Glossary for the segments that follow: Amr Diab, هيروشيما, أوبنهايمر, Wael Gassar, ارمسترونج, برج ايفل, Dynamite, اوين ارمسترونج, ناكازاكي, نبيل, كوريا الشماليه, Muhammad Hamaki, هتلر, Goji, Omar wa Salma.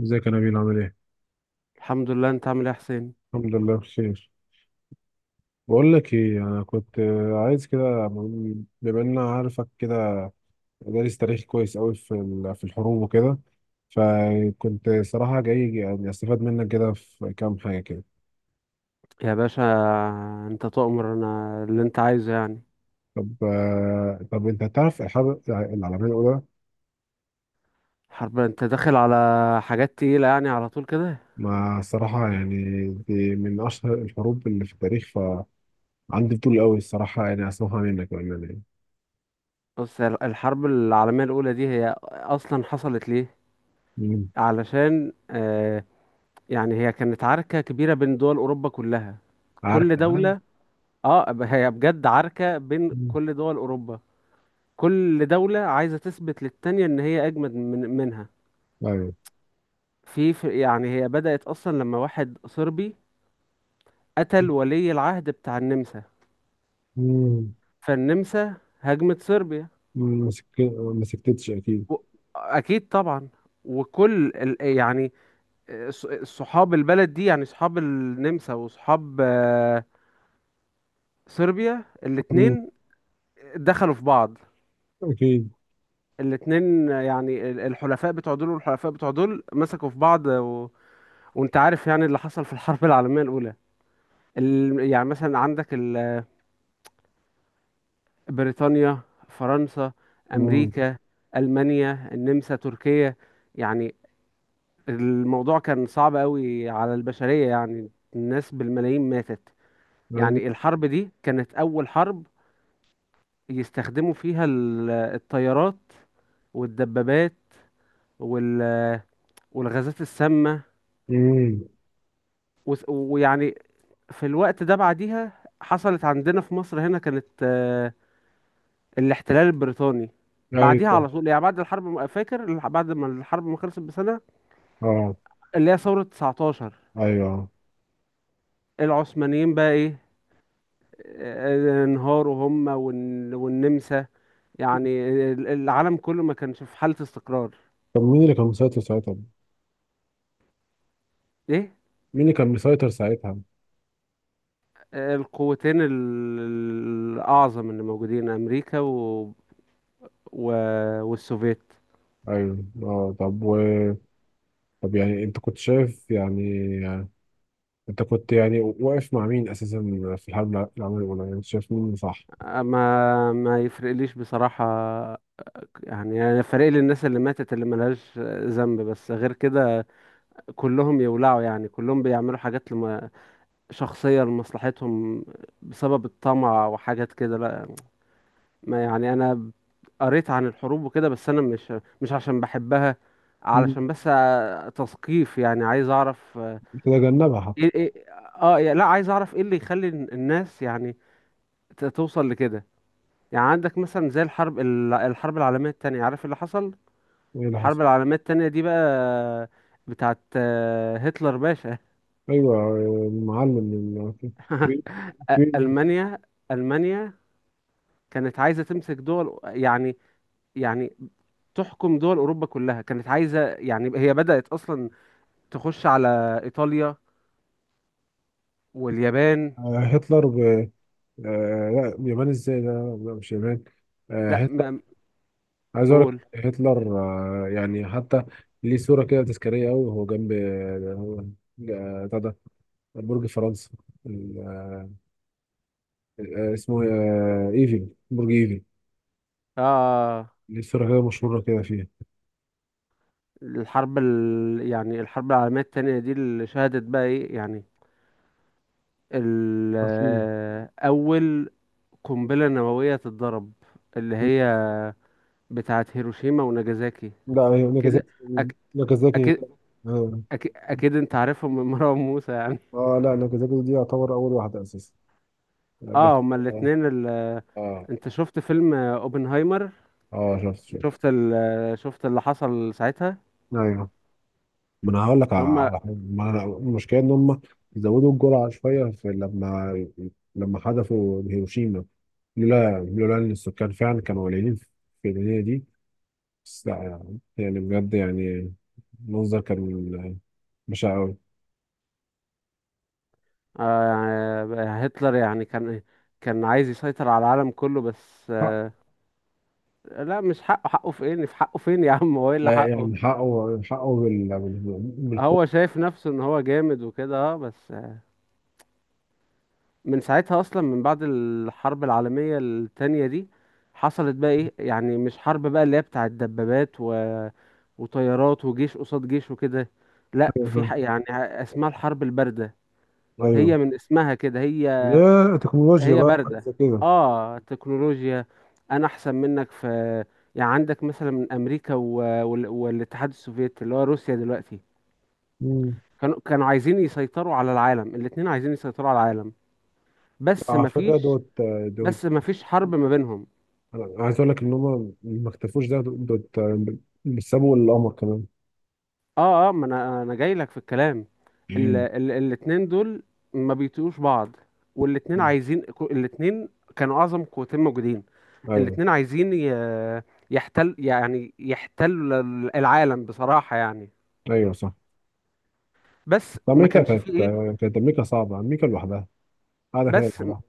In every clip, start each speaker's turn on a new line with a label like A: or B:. A: ازيك يا نبيل عامل ايه؟
B: الحمد لله، انت عامل ايه يا حسين؟
A: الحمد لله بخير. بقول لك ايه، انا كنت عايز كده، بما ان انا عارفك كده دارس تاريخ كويس قوي في الحروب وكده. فكنت صراحة جاي يعني استفاد منك كده في كام حاجة كده.
B: يا باشا. انت تؤمر، انا اللي انت عايزه يعني.
A: طب انت تعرف الحرب العالمية الأولى؟
B: حرب؟ انت داخل على حاجات تقيلة يعني على طول كده.
A: ما الصراحة يعني دي من أشهر الحروب اللي في التاريخ، فعندي فضول قوي الصراحة يعني أسمعها منك بأمانة يعني.
B: بص، الحرب العالمية الأولى دي هي أصلا حصلت ليه؟
A: مم.
B: علشان يعني هي كانت عركة كبيرة بين دول أوروبا كلها.
A: عارف
B: كل
A: تمام؟
B: دولة، هي بجد عركة بين
A: مم.
B: كل دول أوروبا. كل دولة عايزة تثبت للتانية إن هي أجمد منها.
A: أيوه.
B: يعني هي بدأت أصلا لما واحد صربي قتل ولي العهد بتاع النمسا.
A: مم.
B: فالنمسا هاجمت صربيا
A: ما سك- ما سكتتش اكيد.
B: و... اكيد طبعا. وكل يعني صحاب البلد دي، يعني صحاب النمسا وصحاب صربيا،
A: مم.
B: الاتنين دخلوا في بعض.
A: اكيد.
B: الاتنين يعني الحلفاء بتوع دول والحلفاء بتوع دول مسكوا في بعض. وانت عارف يعني اللي حصل في الحرب العالمية الأولى. يعني مثلا عندك بريطانيا، فرنسا،
A: مم.
B: أمريكا، ألمانيا، النمسا، تركيا، يعني الموضوع كان صعب قوي على البشرية، يعني الناس بالملايين ماتت.
A: يعني.
B: يعني الحرب دي كانت أول حرب يستخدموا فيها الطيارات والدبابات وال- والغازات السامة.
A: مم.
B: ويعني في الوقت ده بعديها حصلت عندنا في مصر. هنا كانت الاحتلال البريطاني.
A: ايوه
B: بعديها
A: صح.
B: على طول، يعني بعد ما الحرب ما خلصت بسنة،
A: اه.
B: اللي هي ثورة 19.
A: ايوه.
B: العثمانيين بقى ايه، انهاروا هم والنمسا. يعني العالم كله ما كانش في حالة استقرار.
A: طب مين اللي كان مسيطر ساعتها؟
B: ايه؟
A: مين اللي كان مسيطر ساعتها؟
B: القوتين الأعظم اللي موجودين أمريكا و... والسوفيت.
A: ايوه اه. طب طب يعني انت كنت شايف يعني، انت كنت يعني واقف مع مين اساسا في الحرب العالميه الاولى؟ يعني أنت شايف مين اللي صح؟
B: ما ما يفرقليش بصراحة. يعني أنا فارق لي الناس اللي ماتت، اللي ملهاش ذنب، بس غير كده كلهم يولعوا. يعني كلهم بيعملوا حاجات لما شخصية لمصلحتهم، بسبب الطمع وحاجات كده، لا. ما يعني انا قريت عن الحروب وكده، بس انا مش عشان بحبها.
A: مم.
B: علشان بس تثقيف، يعني عايز اعرف.
A: تتجنبها حتى.
B: ايه، ايه، لا، عايز اعرف ايه اللي يخلي الناس يعني توصل لكده. يعني عندك مثلا زي الحرب العالمية التانية، عارف اللي حصل.
A: ايه اللي حصل؟
B: الحرب العالمية التانية دي بقى بتاعت هتلر باشا.
A: ايوه المعلم كبير. كبير.
B: ألمانيا. ألمانيا كانت عايزة تمسك دول، يعني يعني تحكم دول أوروبا كلها، كانت عايزة يعني هي بدأت أصلا تخش على ايطاليا واليابان.
A: هتلر. لا، اليابان ازاي؟ لا لا لا، مش اليابان.
B: لا،
A: هتلر. عايز اقول
B: قول.
A: لك هتلر. يعني حتى ليه صورة كده تذكارية قوي وهو جنب هو بتاع ده، برج فرنسا، ال- آه، اسمه ايفل، برج ايفل.
B: اه.
A: ليه صورة كده مشهورة كده فيها؟
B: يعني الحرب العالميه التانية دي اللي شهدت بقى ايه، يعني ال...
A: هيروشيما.
B: آه، اول قنبله نوويه تتضرب، اللي هي بتاعه هيروشيما وناجازاكي
A: لا هي
B: كده
A: ناكازاكي.
B: أك...
A: ناكازاكي.
B: اكيد
A: اه.
B: أكيد أكيد أنت عارفهم من مروان موسى يعني.
A: لا، ناكازاكي دي يعتبر أول واحدة أساسا بس.
B: اه هما
A: اه
B: الاتنين.
A: اه.
B: أنت شفت فيلم أوبنهايمر؟
A: شفت شفت.
B: شفت ال... شفت اللي حصل ساعتها؟
A: ايوه. ما انا هقول لك
B: هم.
A: على حاجه، ما أنا- المشكله ان هم زودوا الجرعه شويه في لما، لما حذفوا هيروشيما. لولا ان السكان فعلا كانوا قليلين في الدنيا دي. بس لا يعني بجد يعني المنظر كان بشع قوي.
B: يعني هتلر يعني كان عايز يسيطر على العالم كله بس
A: حق.
B: آه لا مش حقه، حقه فين، في حقه فين يا عم؟ هو ايه اللي حقه؟
A: يعني حقه، حقه بالخوف.
B: هو شايف نفسه ان هو جامد وكده بس. من ساعتها اصلا، من بعد الحرب العالمية التانية دي حصلت بقى ايه، يعني مش حرب بقى اللي هي بتاعة دبابات وطيارات وجيش قصاد جيش وكده، لا. يعني اسمها الحرب الباردة.
A: ايوه.
B: هي من اسمها كده، هي
A: لا، تكنولوجيا
B: هي
A: بقى حاجه
B: باردة.
A: زي كده.
B: اه، تكنولوجيا، انا احسن منك في. يعني عندك مثلا من امريكا والاتحاد السوفيتي اللي هو روسيا دلوقتي.
A: مم.
B: كانوا عايزين يسيطروا على العالم، الاتنين عايزين يسيطروا على العالم. بس
A: على فكره
B: مفيش
A: دوت دوت.
B: بس مفيش حرب ما بينهم.
A: أنا عايز اقول لك ان هم ما اكتفوش، ده دوت، بيسابوا القمر كمان.
B: اه ما انا جاي لك في الكلام.
A: مم.
B: الاتنين دول ما بيطيقوش بعض، والاتنين عايزين، الاتنين كانوا اعظم قوتين موجودين.
A: ايوه
B: الاتنين عايزين يحتل، يعني يحتل العالم بصراحة يعني.
A: ايوه صح.
B: بس
A: طب
B: ما
A: امريكا
B: كانش
A: كانت،
B: فيه ايه.
A: كانت امريكا صعبه، امريكا لوحدها قاعده كده
B: بس
A: لوحدها.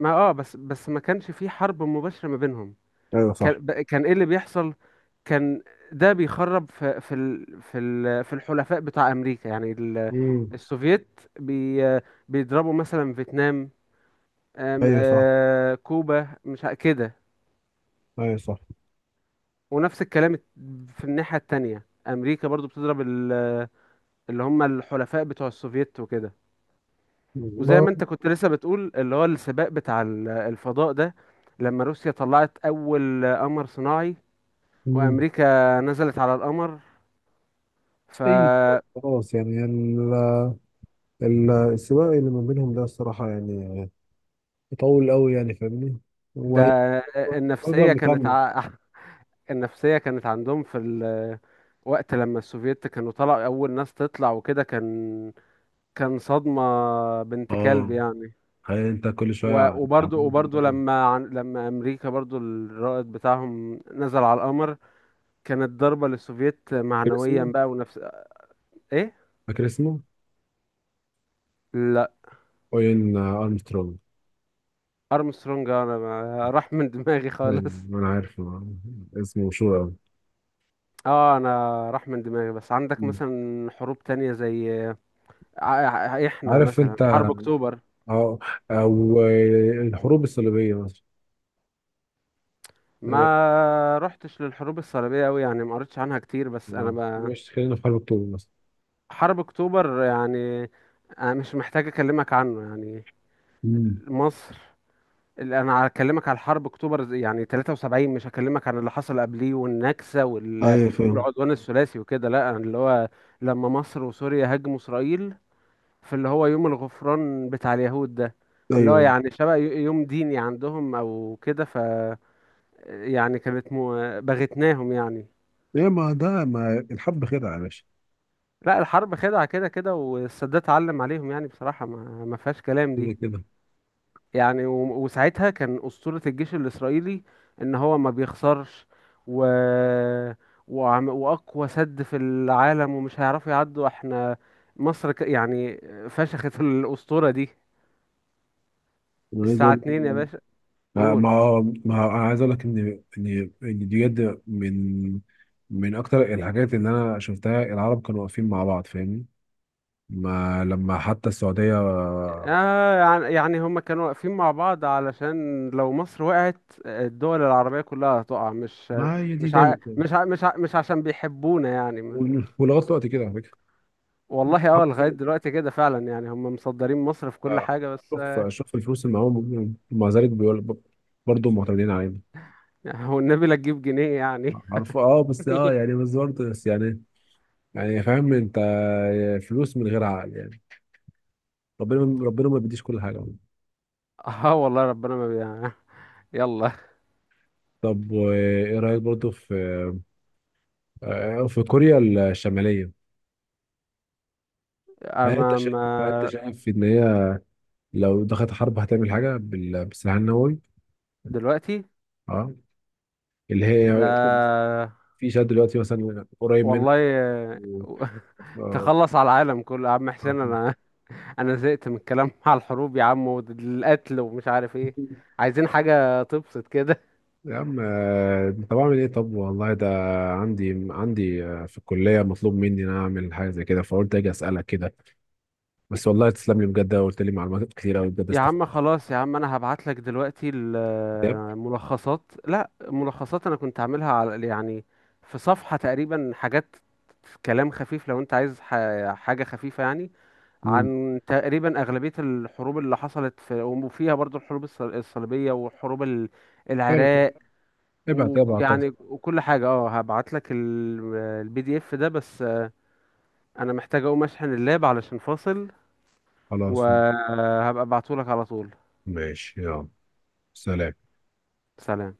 B: بس ما كانش فيه حرب مباشرة ما بينهم.
A: ايوه صح.
B: كان ايه اللي بيحصل؟ كان ده بيخرب في الحلفاء بتاع امريكا، يعني
A: مم.
B: السوفييت بيضربوا مثلا فيتنام، آم،
A: ايوه صح.
B: آه، كوبا مش كده.
A: ايوه صح.
B: ونفس الكلام، في الناحية التانية امريكا برضو بتضرب اللي هم الحلفاء بتوع السوفييت وكده. وزي
A: ما.
B: ما انت كنت لسه بتقول اللي هو السباق بتاع الفضاء ده، لما روسيا طلعت اول قمر صناعي
A: مم.
B: وامريكا نزلت على القمر. ف
A: اي خلاص يعني، السباق اللي ما بينهم ده الصراحه يعني يطول قوي يعني، فاهمني؟
B: ده،
A: وهي- وهيفضل
B: النفسية كانت
A: مكمل.
B: ع... النفسية كانت عندهم في وقت لما السوفييت كانوا طلعوا اول ناس تطلع وكده، كان صدمة. بنت كلب
A: اه.
B: يعني.
A: هل انت كل شويه
B: وبرضو
A: عمال
B: وبرضو
A: فاكر
B: لما امريكا برضو الرائد بتاعهم نزل على القمر، كانت ضربة للسوفييت معنويا
A: اسمه؟
B: بقى ونفس ايه؟
A: فاكر اسمه؟
B: لا،
A: اوين ارمسترونج.
B: ارمسترونج انا راح من دماغي
A: أوين،
B: خالص.
A: انا عارف. اسمه مشهور قوي.
B: اه، انا راح من دماغي. بس عندك مثلا حروب تانية زي احنا
A: عارف
B: مثلا
A: انت،
B: حرب اكتوبر.
A: أو أو الحروب الصليبية مثلا.
B: ما رحتش للحروب الصليبية اوي، يعني ما قريتش عنها كتير. بس انا ب...
A: مش خلينا في حرب أكتوبر مثلا.
B: حرب اكتوبر يعني، انا مش محتاج اكلمك عنه يعني.
A: مم.
B: مصر، انا هكلمك على حرب اكتوبر يعني 73، مش هكلمك عن اللي حصل قبليه والنكسه.
A: ايوه فاهم.
B: والعدوان الثلاثي وكده، لا أنا اللي هو لما مصر وسوريا هاجموا اسرائيل في اللي هو يوم الغفران بتاع اليهود ده. اللي هو
A: ايوه.
B: يعني شبه يوم ديني عندهم او كده، ف يعني كانت بغتناهم يعني.
A: ايه، ما ده ما الحب خدعه يا باشا.
B: لا الحرب خدعه كده كده، والسادات علم عليهم يعني بصراحه، ما فيهاش كلام
A: كده
B: دي.
A: كده.
B: يعني وساعتها كان أسطورة الجيش الإسرائيلي إن هو ما بيخسرش و... وأقوى سد في العالم ومش هيعرفوا يعدوا. احنا مصر يعني فشخت الأسطورة دي.
A: انا عايز
B: الساعة
A: اقول،
B: اتنين يا باشا. قول.
A: انا عايز اقول لك ان دي بجد من اكتر الحاجات اللي انا شفتها، العرب كانوا واقفين مع بعض فاهمني، ما لما حتى السعوديه.
B: يعني هما كانوا واقفين مع بعض علشان لو مصر وقعت الدول العربية كلها هتقع، مش
A: ما هي دي
B: مش ع...
A: دايما كده.
B: مش ع... مش ع... مش عشان بيحبونا يعني ما...
A: ولغايه دلوقتي كده على
B: والله اه، لغاية
A: فكره.
B: دلوقتي كده فعلا، يعني هم مصدرين مصر في كل
A: اه.
B: حاجة بس.
A: شوف شوف الفلوس اللي معاهم، ومع ذلك بيقول برضه معتمدين علينا.
B: هو النبي لا تجيب جنيه يعني.
A: عارفه. اه بس اه يعني بس برضه بس يعني، يعني فاهم انت، فلوس من غير عقل يعني. ربنا ربنا ما بيديش كل حاجه.
B: اه والله، ربنا ما. يلا.
A: طب وايه رايك برضه في كوريا الشماليه؟ هل انت
B: اما
A: شايف،
B: ما
A: هل انت شايف ان هي لو دخلت حرب هتعمل حاجه بالسلاح النووي؟
B: دلوقتي
A: اه. اللي هي
B: ده
A: في شد دلوقتي مثلا قريب منها.
B: والله
A: و- آه،
B: تخلص على العالم كله يا عم حسين.
A: عارفة.
B: انا زهقت من الكلام على الحروب يا عم، والقتل ومش عارف ايه. عايزين حاجة تبسط كده.
A: يا عم طب اعمل ايه؟ طب والله، ده عندي في الكليه مطلوب مني ان انا اعمل حاجه زي كده فقلت اجي اسالك كده. بس والله تسلم لي بجد، قلت لي معلومات كتير قوي بجد
B: يا عم
A: استفدت.
B: خلاص، يا عم انا هبعت لك دلوقتي
A: كتاب.
B: الملخصات. لا، ملخصات انا كنت عاملها على يعني في صفحة تقريبا حاجات، كلام خفيف، لو انت عايز حاجة خفيفة يعني
A: امم.
B: عن تقريبا أغلبية الحروب اللي حصلت، في وفيها برضو الحروب الصليبية وحروب
A: حلو طب.
B: العراق،
A: ابعت ابعت طب.
B: ويعني وكل حاجة. اه هبعت لك البي دي اف ده بس. انا محتاج اقوم اشحن اللاب علشان فاصل،
A: خلاص.
B: وهبقى ابعته لك على طول.
A: ماشي يلا. سلام.
B: سلام.